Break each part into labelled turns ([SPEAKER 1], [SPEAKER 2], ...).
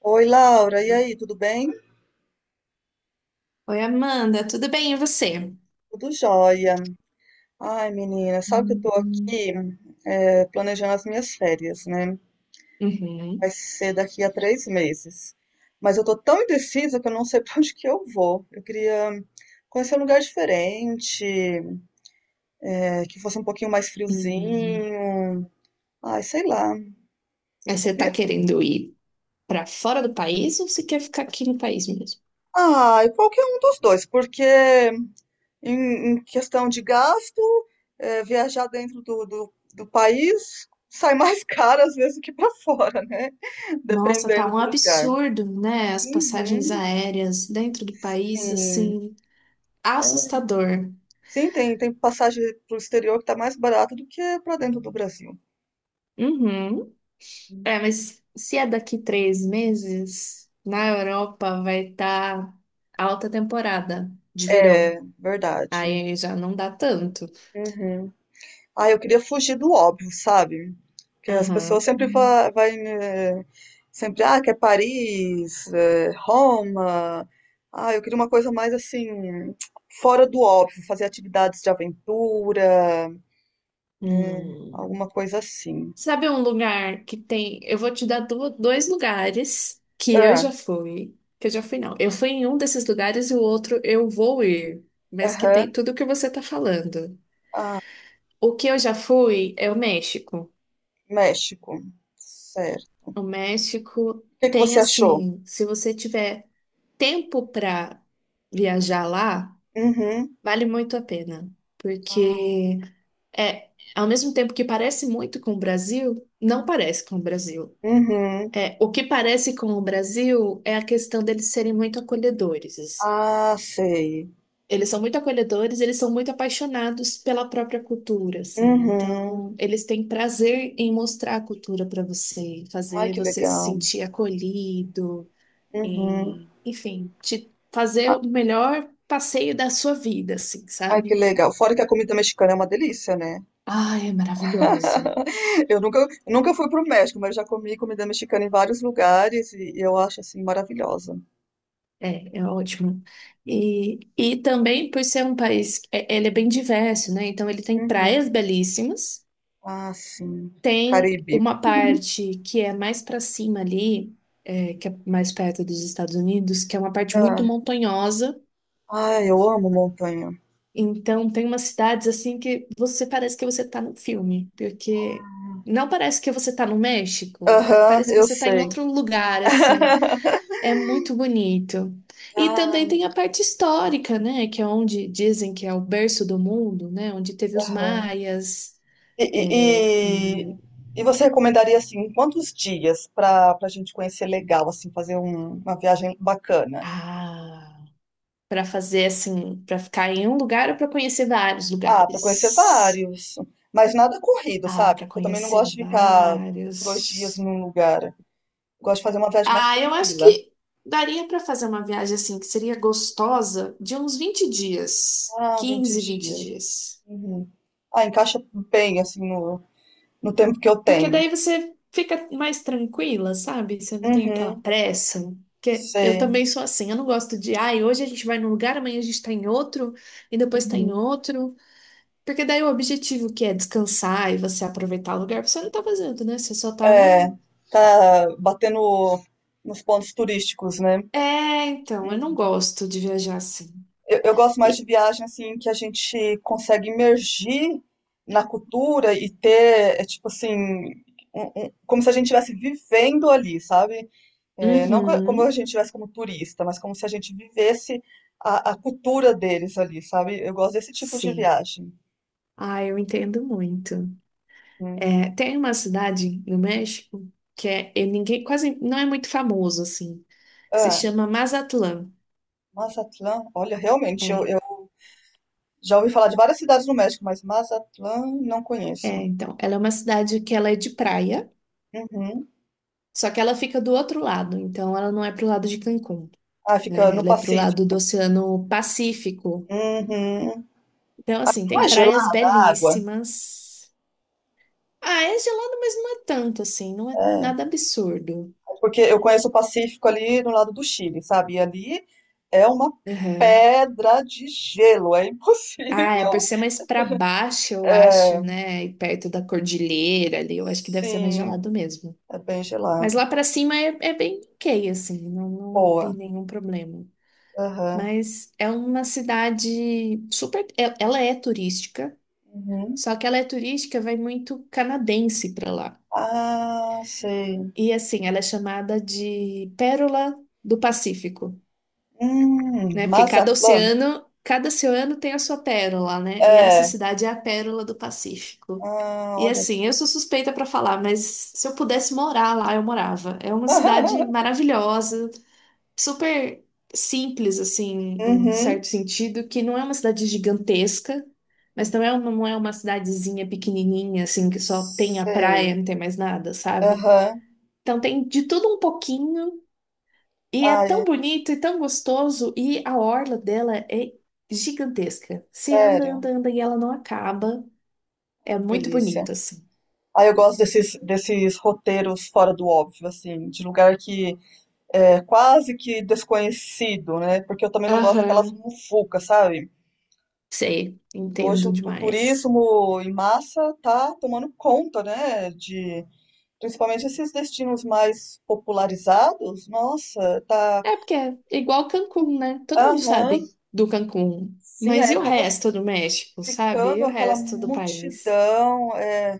[SPEAKER 1] Oi, Laura, e aí, tudo bem?
[SPEAKER 2] Oi, Amanda, tudo bem? E você?
[SPEAKER 1] Tudo jóia. Ai, menina, sabe que eu tô
[SPEAKER 2] Uhum.
[SPEAKER 1] aqui planejando as minhas férias, né? Vai
[SPEAKER 2] Uhum.
[SPEAKER 1] ser daqui a 3 meses. Mas eu tô tão indecisa que eu não sei pra onde que eu vou. Eu queria conhecer um lugar diferente, que fosse um pouquinho mais
[SPEAKER 2] Uhum.
[SPEAKER 1] friozinho. Ai, sei lá.
[SPEAKER 2] Mas
[SPEAKER 1] Eu
[SPEAKER 2] você tá
[SPEAKER 1] queria-
[SPEAKER 2] querendo ir pra fora do país ou você quer ficar aqui no país mesmo?
[SPEAKER 1] Ai, qualquer um dos dois, porque em questão de gasto, viajar dentro do país sai mais caro às vezes do que para fora, né?
[SPEAKER 2] Nossa, tá
[SPEAKER 1] Dependendo
[SPEAKER 2] um
[SPEAKER 1] do lugar.
[SPEAKER 2] absurdo, né? As passagens
[SPEAKER 1] Uhum,
[SPEAKER 2] aéreas dentro do país,
[SPEAKER 1] sim.
[SPEAKER 2] assim, assustador.
[SPEAKER 1] Sim, tem passagem para o exterior que está mais barato do que para dentro do Brasil.
[SPEAKER 2] Uhum. É, mas se é daqui 3 meses, na Europa vai estar alta temporada de verão.
[SPEAKER 1] É verdade.
[SPEAKER 2] Aí já não dá tanto.
[SPEAKER 1] Uhum. Ah, eu queria fugir do óbvio, sabe? Que as pessoas
[SPEAKER 2] Aham.
[SPEAKER 1] sempre vai, né, sempre, ah, quer Paris, Roma. Ah, eu queria uma coisa mais assim, fora do óbvio, fazer atividades de aventura,
[SPEAKER 2] Hum.
[SPEAKER 1] alguma coisa assim.
[SPEAKER 2] Sabe um lugar que tem. Eu vou te dar dois lugares que eu
[SPEAKER 1] Ah,
[SPEAKER 2] já fui. Que eu já fui, não. Eu fui em um desses lugares e o outro eu vou ir. Mas que tem
[SPEAKER 1] aham.
[SPEAKER 2] tudo o que você tá falando.
[SPEAKER 1] Ah,
[SPEAKER 2] O que eu já fui é o México.
[SPEAKER 1] México. Certo.
[SPEAKER 2] O México
[SPEAKER 1] O que que
[SPEAKER 2] tem
[SPEAKER 1] você achou?
[SPEAKER 2] assim, se você tiver tempo para viajar lá,
[SPEAKER 1] Uhum.
[SPEAKER 2] vale muito a pena.
[SPEAKER 1] Ah,
[SPEAKER 2] Porque é, ao mesmo tempo que parece muito com o Brasil, não parece com o Brasil.
[SPEAKER 1] uhum.
[SPEAKER 2] É, o que parece com o Brasil é a questão deles serem muito acolhedores.
[SPEAKER 1] Ah, sei.
[SPEAKER 2] Eles são muito acolhedores, eles são muito apaixonados pela própria cultura, assim.
[SPEAKER 1] Uhum.
[SPEAKER 2] Então, eles têm prazer em mostrar a cultura para você,
[SPEAKER 1] Ai,
[SPEAKER 2] fazer
[SPEAKER 1] que
[SPEAKER 2] você se
[SPEAKER 1] legal.
[SPEAKER 2] sentir acolhido,
[SPEAKER 1] Uhum.
[SPEAKER 2] em, enfim, te fazer o melhor passeio da sua vida, assim,
[SPEAKER 1] Ai, que
[SPEAKER 2] sabe?
[SPEAKER 1] legal. Fora que a comida mexicana é uma delícia, né?
[SPEAKER 2] Ai, é maravilhosa.
[SPEAKER 1] Eu nunca, nunca fui pro México, mas já comi comida mexicana em vários lugares e eu acho assim maravilhosa.
[SPEAKER 2] É, é ótimo. E também por ser um país, ele é bem diverso, né? Então ele tem
[SPEAKER 1] Uhum.
[SPEAKER 2] praias belíssimas,
[SPEAKER 1] Ah, sim.
[SPEAKER 2] tem
[SPEAKER 1] Caribe.
[SPEAKER 2] uma parte que é mais para cima ali, é, que é mais perto dos Estados Unidos, que é uma parte muito
[SPEAKER 1] Ah,
[SPEAKER 2] montanhosa.
[SPEAKER 1] ai, eu amo montanha.
[SPEAKER 2] Então tem umas cidades assim que você parece que você tá no filme, porque não parece que você tá no México, é,
[SPEAKER 1] Aham,
[SPEAKER 2] parece que
[SPEAKER 1] eu
[SPEAKER 2] você tá em
[SPEAKER 1] sei.
[SPEAKER 2] outro lugar assim. É muito bonito. E também
[SPEAKER 1] Ah,
[SPEAKER 2] tem a parte histórica, né? Que é onde dizem que é o berço do mundo, né? Onde teve os
[SPEAKER 1] aham.
[SPEAKER 2] maias.
[SPEAKER 1] E, e,
[SPEAKER 2] É,
[SPEAKER 1] e,
[SPEAKER 2] e
[SPEAKER 1] e você recomendaria assim, quantos dias para a gente conhecer legal, assim, fazer uma viagem bacana?
[SPEAKER 2] ah, para fazer assim, para ficar em um lugar ou para conhecer vários
[SPEAKER 1] Ah, pra conhecer
[SPEAKER 2] lugares?
[SPEAKER 1] vários. Mas nada corrido,
[SPEAKER 2] Ah,
[SPEAKER 1] sabe?
[SPEAKER 2] para
[SPEAKER 1] Porque eu também não
[SPEAKER 2] conhecer
[SPEAKER 1] gosto de ficar dois dias
[SPEAKER 2] vários.
[SPEAKER 1] num lugar. Eu gosto de fazer uma viagem mais
[SPEAKER 2] Ah, eu acho
[SPEAKER 1] tranquila.
[SPEAKER 2] que daria para fazer uma viagem assim que seria gostosa de uns 20 dias,
[SPEAKER 1] Ah, 20
[SPEAKER 2] 15 20
[SPEAKER 1] dias.
[SPEAKER 2] dias.
[SPEAKER 1] Uhum. Ah, encaixa bem, assim, no tempo que eu
[SPEAKER 2] Porque
[SPEAKER 1] tenho.
[SPEAKER 2] daí você fica mais tranquila, sabe? Você não tem aquela
[SPEAKER 1] Uhum,
[SPEAKER 2] pressa. Porque eu
[SPEAKER 1] sei.
[SPEAKER 2] também sou assim, eu não gosto de, ai, hoje a gente vai num lugar, amanhã a gente tá em outro, e depois tá em
[SPEAKER 1] Uhum.
[SPEAKER 2] outro. Porque daí o objetivo que é descansar e você aproveitar o lugar, você não tá fazendo, né? Você só tá na.
[SPEAKER 1] É, tá batendo nos pontos turísticos, né?
[SPEAKER 2] É, então, eu não
[SPEAKER 1] Uhum.
[SPEAKER 2] gosto de viajar assim.
[SPEAKER 1] Eu gosto mais de
[SPEAKER 2] E-
[SPEAKER 1] viagem assim que a gente consegue imergir na cultura e ter, tipo assim, como se a gente estivesse vivendo ali, sabe? É, não co- como a
[SPEAKER 2] Uhum,
[SPEAKER 1] gente estivesse como turista, mas como se a gente vivesse a cultura deles ali, sabe? Eu gosto desse tipo de
[SPEAKER 2] sim.
[SPEAKER 1] viagem.
[SPEAKER 2] Ah, eu entendo muito.
[SPEAKER 1] Hum.
[SPEAKER 2] É, tem uma cidade no México que é, e ninguém quase não é muito famoso assim. Que se
[SPEAKER 1] Ah,
[SPEAKER 2] chama Mazatlán.
[SPEAKER 1] Mazatlán, olha, realmente, eu,
[SPEAKER 2] É,
[SPEAKER 1] eu já ouvi falar de várias cidades no México, mas Mazatlán não
[SPEAKER 2] é,
[SPEAKER 1] conheço.
[SPEAKER 2] então, ela é uma cidade que ela é de praia,
[SPEAKER 1] Uhum.
[SPEAKER 2] só que ela fica do outro lado, então ela não é pro lado de Cancún,
[SPEAKER 1] Ah, fica
[SPEAKER 2] né?
[SPEAKER 1] no
[SPEAKER 2] Ela é pro lado do
[SPEAKER 1] Pacífico.
[SPEAKER 2] Oceano Pacífico.
[SPEAKER 1] Uhum.
[SPEAKER 2] Então, assim,
[SPEAKER 1] Não
[SPEAKER 2] tem
[SPEAKER 1] é
[SPEAKER 2] praias
[SPEAKER 1] gelada a água?
[SPEAKER 2] belíssimas. Ah, é gelado, mas não é tanto assim, não é
[SPEAKER 1] É.
[SPEAKER 2] nada absurdo.
[SPEAKER 1] Porque eu conheço o Pacífico ali no lado do Chile, sabe? E ali é uma
[SPEAKER 2] Aham.
[SPEAKER 1] pedra de gelo, é
[SPEAKER 2] Ah, é por
[SPEAKER 1] impossível.
[SPEAKER 2] ser mais pra baixo, eu acho, né? E perto da cordilheira ali, eu acho que deve ser mais
[SPEAKER 1] Sim,
[SPEAKER 2] gelado mesmo.
[SPEAKER 1] é bem
[SPEAKER 2] Mas
[SPEAKER 1] gelado.
[SPEAKER 2] lá pra cima é, é bem ok, assim, não, não vi
[SPEAKER 1] Boa.
[SPEAKER 2] nenhum problema.
[SPEAKER 1] Aham.
[SPEAKER 2] Mas é uma cidade super. Ela é turística,
[SPEAKER 1] Uhum.
[SPEAKER 2] só que ela é turística, vai muito canadense para lá.
[SPEAKER 1] Ah, sei.
[SPEAKER 2] E assim, ela é chamada de Pérola do Pacífico, né? Porque
[SPEAKER 1] Mazatlán.
[SPEAKER 2] cada oceano tem a sua pérola, né? E essa
[SPEAKER 1] É.
[SPEAKER 2] cidade é a Pérola do Pacífico.
[SPEAKER 1] Ah,
[SPEAKER 2] E
[SPEAKER 1] olha.
[SPEAKER 2] assim, eu sou suspeita para falar, mas se eu pudesse morar lá, eu morava. É uma cidade maravilhosa, super simples, assim, em
[SPEAKER 1] Uhum.
[SPEAKER 2] certo sentido, que não é uma cidade gigantesca, mas não é uma cidadezinha pequenininha, assim, que só tem a praia,
[SPEAKER 1] Sei.
[SPEAKER 2] não tem mais nada, sabe?
[SPEAKER 1] Aham.
[SPEAKER 2] Então tem de tudo um pouquinho, e é
[SPEAKER 1] Ai,
[SPEAKER 2] tão bonito e tão gostoso, e a orla dela é gigantesca. Você anda,
[SPEAKER 1] sério.
[SPEAKER 2] anda, anda, e ela não acaba. É
[SPEAKER 1] Que
[SPEAKER 2] muito bonito,
[SPEAKER 1] delícia.
[SPEAKER 2] assim.
[SPEAKER 1] Ah, eu gosto desses roteiros fora do óbvio, assim, de lugar que quase que desconhecido, né? Porque eu também não gosto daquelas
[SPEAKER 2] Aham,
[SPEAKER 1] mufucas, sabe?
[SPEAKER 2] sei,
[SPEAKER 1] E hoje
[SPEAKER 2] entendo
[SPEAKER 1] o
[SPEAKER 2] demais.
[SPEAKER 1] turismo em massa tá tomando conta, né? De principalmente esses destinos mais popularizados. Nossa, tá.
[SPEAKER 2] É porque é igual Cancún, né? Todo mundo
[SPEAKER 1] Aham,
[SPEAKER 2] sabe do Cancún.
[SPEAKER 1] sim, aí
[SPEAKER 2] Mas e o
[SPEAKER 1] acaba
[SPEAKER 2] resto do México, sabe?
[SPEAKER 1] ficando
[SPEAKER 2] E o
[SPEAKER 1] aquela
[SPEAKER 2] resto do país?
[SPEAKER 1] multidão.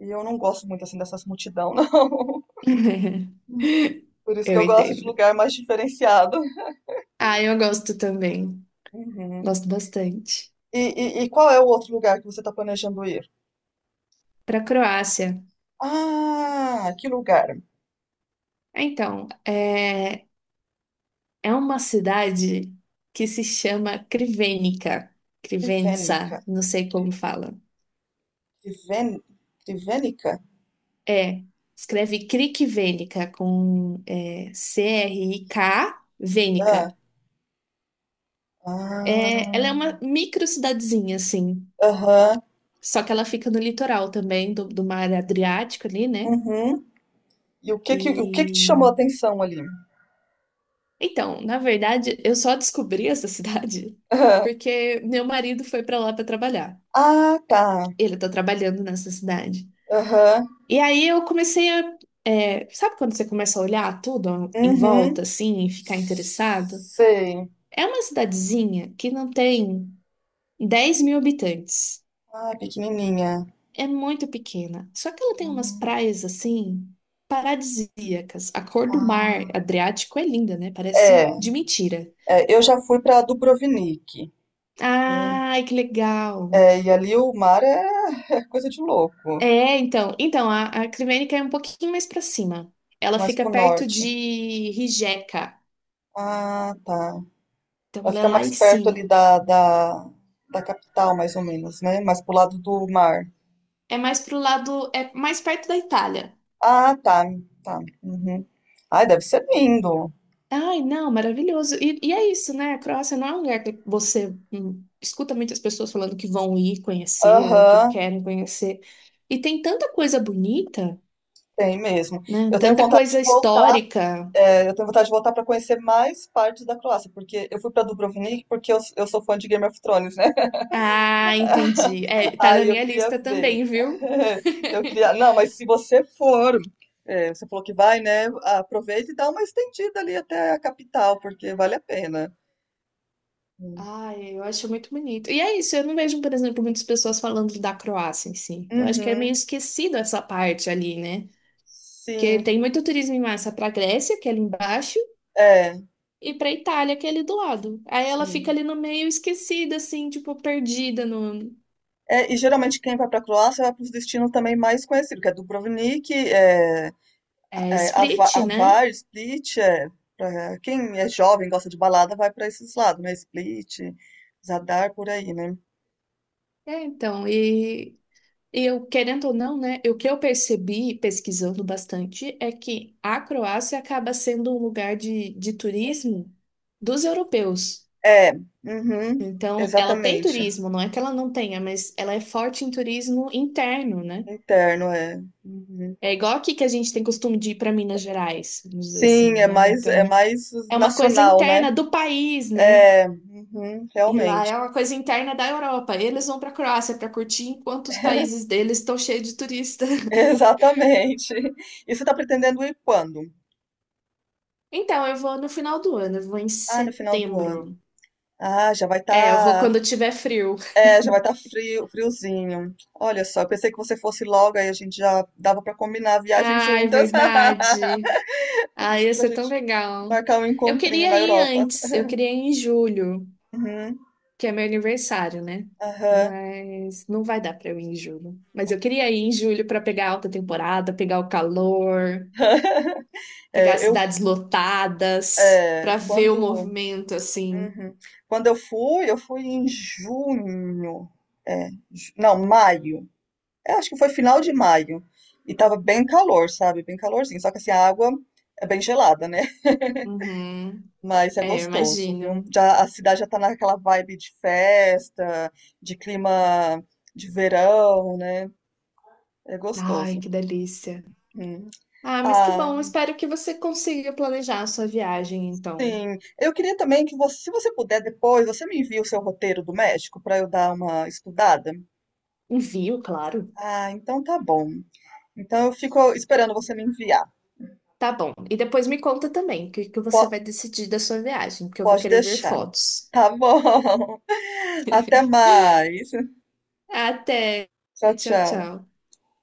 [SPEAKER 1] E eu não gosto muito assim dessas multidão, não. Por isso que
[SPEAKER 2] Eu
[SPEAKER 1] eu gosto de
[SPEAKER 2] entendo.
[SPEAKER 1] lugar mais diferenciado.
[SPEAKER 2] Ah, eu gosto também.
[SPEAKER 1] Uhum.
[SPEAKER 2] Gosto bastante.
[SPEAKER 1] E, e qual é o outro lugar que você está planejando ir?
[SPEAKER 2] Para Croácia.
[SPEAKER 1] Ah, que lugar?
[SPEAKER 2] Então, é, é uma cidade que se chama Krivenica.
[SPEAKER 1] Crivênica.
[SPEAKER 2] Krivenica, não sei como
[SPEAKER 1] Cri-
[SPEAKER 2] fala.
[SPEAKER 1] Criven, Crivênica?
[SPEAKER 2] É, escreve Krikvenica com é, CRIK,
[SPEAKER 1] Ah,
[SPEAKER 2] Venica.
[SPEAKER 1] ah,
[SPEAKER 2] É, ela é uma micro cidadezinha, assim.
[SPEAKER 1] aham,
[SPEAKER 2] Só que ela fica no litoral também, do mar Adriático ali, né?
[SPEAKER 1] uhum. E o que que te chamou a
[SPEAKER 2] E.
[SPEAKER 1] atenção ali?
[SPEAKER 2] Então, na verdade, eu só descobri essa cidade
[SPEAKER 1] Aham.
[SPEAKER 2] porque meu marido foi pra lá pra trabalhar.
[SPEAKER 1] Ah, tá.
[SPEAKER 2] Ele tá trabalhando nessa cidade.
[SPEAKER 1] Aham,
[SPEAKER 2] E aí eu comecei a. É, sabe quando você começa a olhar tudo em volta,
[SPEAKER 1] uhum.
[SPEAKER 2] assim, e ficar interessado?
[SPEAKER 1] Sei.
[SPEAKER 2] É uma cidadezinha que não tem 10 mil habitantes.
[SPEAKER 1] Ah, pequenininha.
[SPEAKER 2] É muito pequena. Só que ela tem umas praias assim paradisíacas. A cor do
[SPEAKER 1] Ah,
[SPEAKER 2] mar Adriático é linda, né? Parece
[SPEAKER 1] É,
[SPEAKER 2] de mentira.
[SPEAKER 1] eu já fui pra Dubrovnik. Né?
[SPEAKER 2] Ai, que legal.
[SPEAKER 1] É, e ali o mar é coisa de louco,
[SPEAKER 2] É, então, então a Crivênica é um pouquinho mais pra cima. Ela
[SPEAKER 1] mas
[SPEAKER 2] fica
[SPEAKER 1] pro
[SPEAKER 2] perto
[SPEAKER 1] norte.
[SPEAKER 2] de Rijeka.
[SPEAKER 1] Ah, tá.
[SPEAKER 2] Então
[SPEAKER 1] Ela
[SPEAKER 2] ela é
[SPEAKER 1] fica
[SPEAKER 2] lá em
[SPEAKER 1] mais perto ali
[SPEAKER 2] cima.
[SPEAKER 1] da capital, mais ou menos, né? Mais pro lado do mar.
[SPEAKER 2] É mais pro lado, é mais perto da Itália.
[SPEAKER 1] Ah, tá, tá. Uhum. Ai, deve ser lindo.
[SPEAKER 2] Ai, não, maravilhoso. E é isso, né? A Croácia não é um lugar que você escuta muitas pessoas falando que vão ir conhecer ou que
[SPEAKER 1] Aham,
[SPEAKER 2] querem conhecer. E tem tanta coisa bonita,
[SPEAKER 1] tem mesmo.
[SPEAKER 2] né?
[SPEAKER 1] Eu tenho
[SPEAKER 2] Tanta
[SPEAKER 1] vontade de
[SPEAKER 2] coisa
[SPEAKER 1] voltar,
[SPEAKER 2] histórica.
[SPEAKER 1] eu tenho vontade de voltar para conhecer mais partes da Croácia, porque eu fui para Dubrovnik porque eu sou fã de Game of Thrones, né?
[SPEAKER 2] Ah, entendi. É, tá na
[SPEAKER 1] Aí eu
[SPEAKER 2] minha
[SPEAKER 1] queria
[SPEAKER 2] lista
[SPEAKER 1] ver.
[SPEAKER 2] também, viu?
[SPEAKER 1] Eu queria. Não, mas se você for, você falou que vai, né? Aproveita e dá uma estendida ali até a capital, porque vale a pena. Hum.
[SPEAKER 2] Ai, eu acho muito bonito. E é isso, eu não vejo, por exemplo, muitas pessoas falando da Croácia em si. Eu acho que é meio
[SPEAKER 1] Uhum.
[SPEAKER 2] esquecido essa parte ali, né? Porque
[SPEAKER 1] Sim,
[SPEAKER 2] tem muito turismo em massa para a Grécia, que é ali embaixo.
[SPEAKER 1] é,
[SPEAKER 2] E pra Itália, que é ali do lado. Aí ela fica
[SPEAKER 1] sim.
[SPEAKER 2] ali no meio esquecida, assim, tipo, perdida no
[SPEAKER 1] É, e geralmente quem vai para a Croácia vai para os destinos também mais conhecidos, que é Dubrovnik,
[SPEAKER 2] é, Split, né?
[SPEAKER 1] Avar, Split. É, quem é jovem, gosta de balada, vai para esses lados, né? Split, Zadar, por aí, né?
[SPEAKER 2] É, então, e eu, querendo ou não, né? O que eu percebi pesquisando bastante é que a Croácia acaba sendo um lugar de turismo dos europeus.
[SPEAKER 1] É, uhum,
[SPEAKER 2] Então, ela tem
[SPEAKER 1] exatamente.
[SPEAKER 2] turismo, não é que ela não tenha, mas ela é forte em turismo interno, né?
[SPEAKER 1] Interno, é. Uhum.
[SPEAKER 2] É igual aqui que a gente tem costume de ir para Minas Gerais, vamos dizer assim,
[SPEAKER 1] Sim,
[SPEAKER 2] né?
[SPEAKER 1] é
[SPEAKER 2] Então.
[SPEAKER 1] mais
[SPEAKER 2] É uma coisa
[SPEAKER 1] nacional, né?
[SPEAKER 2] interna do país, né?
[SPEAKER 1] É, uhum,
[SPEAKER 2] E lá
[SPEAKER 1] realmente.
[SPEAKER 2] é uma coisa interna da Europa. Eles vão para a Croácia para curtir, enquanto os países deles estão cheios de turista.
[SPEAKER 1] Exatamente. E você está pretendendo ir quando?
[SPEAKER 2] Então, eu vou no final do ano, eu vou em
[SPEAKER 1] Ah, no final do
[SPEAKER 2] setembro.
[SPEAKER 1] ano. Ah, já vai
[SPEAKER 2] É, eu vou
[SPEAKER 1] estar,
[SPEAKER 2] quando tiver frio.
[SPEAKER 1] já vai estar frio, friozinho. Olha só, eu pensei que você fosse logo, aí a gente já dava para combinar a viagem
[SPEAKER 2] Ai,
[SPEAKER 1] juntas.
[SPEAKER 2] verdade. Ai, ia
[SPEAKER 1] Pra
[SPEAKER 2] ser tão
[SPEAKER 1] gente
[SPEAKER 2] legal.
[SPEAKER 1] marcar um
[SPEAKER 2] Eu
[SPEAKER 1] encontrinho
[SPEAKER 2] queria
[SPEAKER 1] na
[SPEAKER 2] ir
[SPEAKER 1] Europa.
[SPEAKER 2] antes, eu queria ir em julho,
[SPEAKER 1] Uhum,
[SPEAKER 2] que é meu aniversário, né?
[SPEAKER 1] aham.
[SPEAKER 2] Mas não vai dar para eu ir em julho. Mas eu queria ir em julho para pegar a alta temporada, pegar o calor. Pegar as
[SPEAKER 1] É, eu,
[SPEAKER 2] cidades lotadas pra ver o
[SPEAKER 1] quando,
[SPEAKER 2] movimento assim.
[SPEAKER 1] uhum. Quando eu fui em junho. É, não, maio. Eu acho que foi final de maio. E tava bem calor, sabe? Bem calorzinho. Só que assim, a água é bem gelada, né?
[SPEAKER 2] Uhum.
[SPEAKER 1] Mas é
[SPEAKER 2] É, eu
[SPEAKER 1] gostoso, viu?
[SPEAKER 2] imagino.
[SPEAKER 1] Já, a cidade já tá naquela vibe de festa, de clima de verão, né? É
[SPEAKER 2] Ai,
[SPEAKER 1] gostoso.
[SPEAKER 2] que delícia.
[SPEAKER 1] Hum.
[SPEAKER 2] Ah, mas que
[SPEAKER 1] Ah,
[SPEAKER 2] bom. Espero que você consiga planejar a sua viagem, então.
[SPEAKER 1] sim. Eu queria também que você, se você puder depois, você me envia o seu roteiro do México para eu dar uma estudada.
[SPEAKER 2] Envio, claro.
[SPEAKER 1] Ah, então tá bom. Então eu fico esperando você me enviar.
[SPEAKER 2] Tá bom. E depois me conta também o que que
[SPEAKER 1] Po-
[SPEAKER 2] você vai decidir da sua viagem, porque eu vou
[SPEAKER 1] Pode
[SPEAKER 2] querer ver
[SPEAKER 1] deixar.
[SPEAKER 2] fotos.
[SPEAKER 1] Tá bom. Até mais.
[SPEAKER 2] Até.
[SPEAKER 1] Tchau,
[SPEAKER 2] Tchau,
[SPEAKER 1] tchau.
[SPEAKER 2] tchau.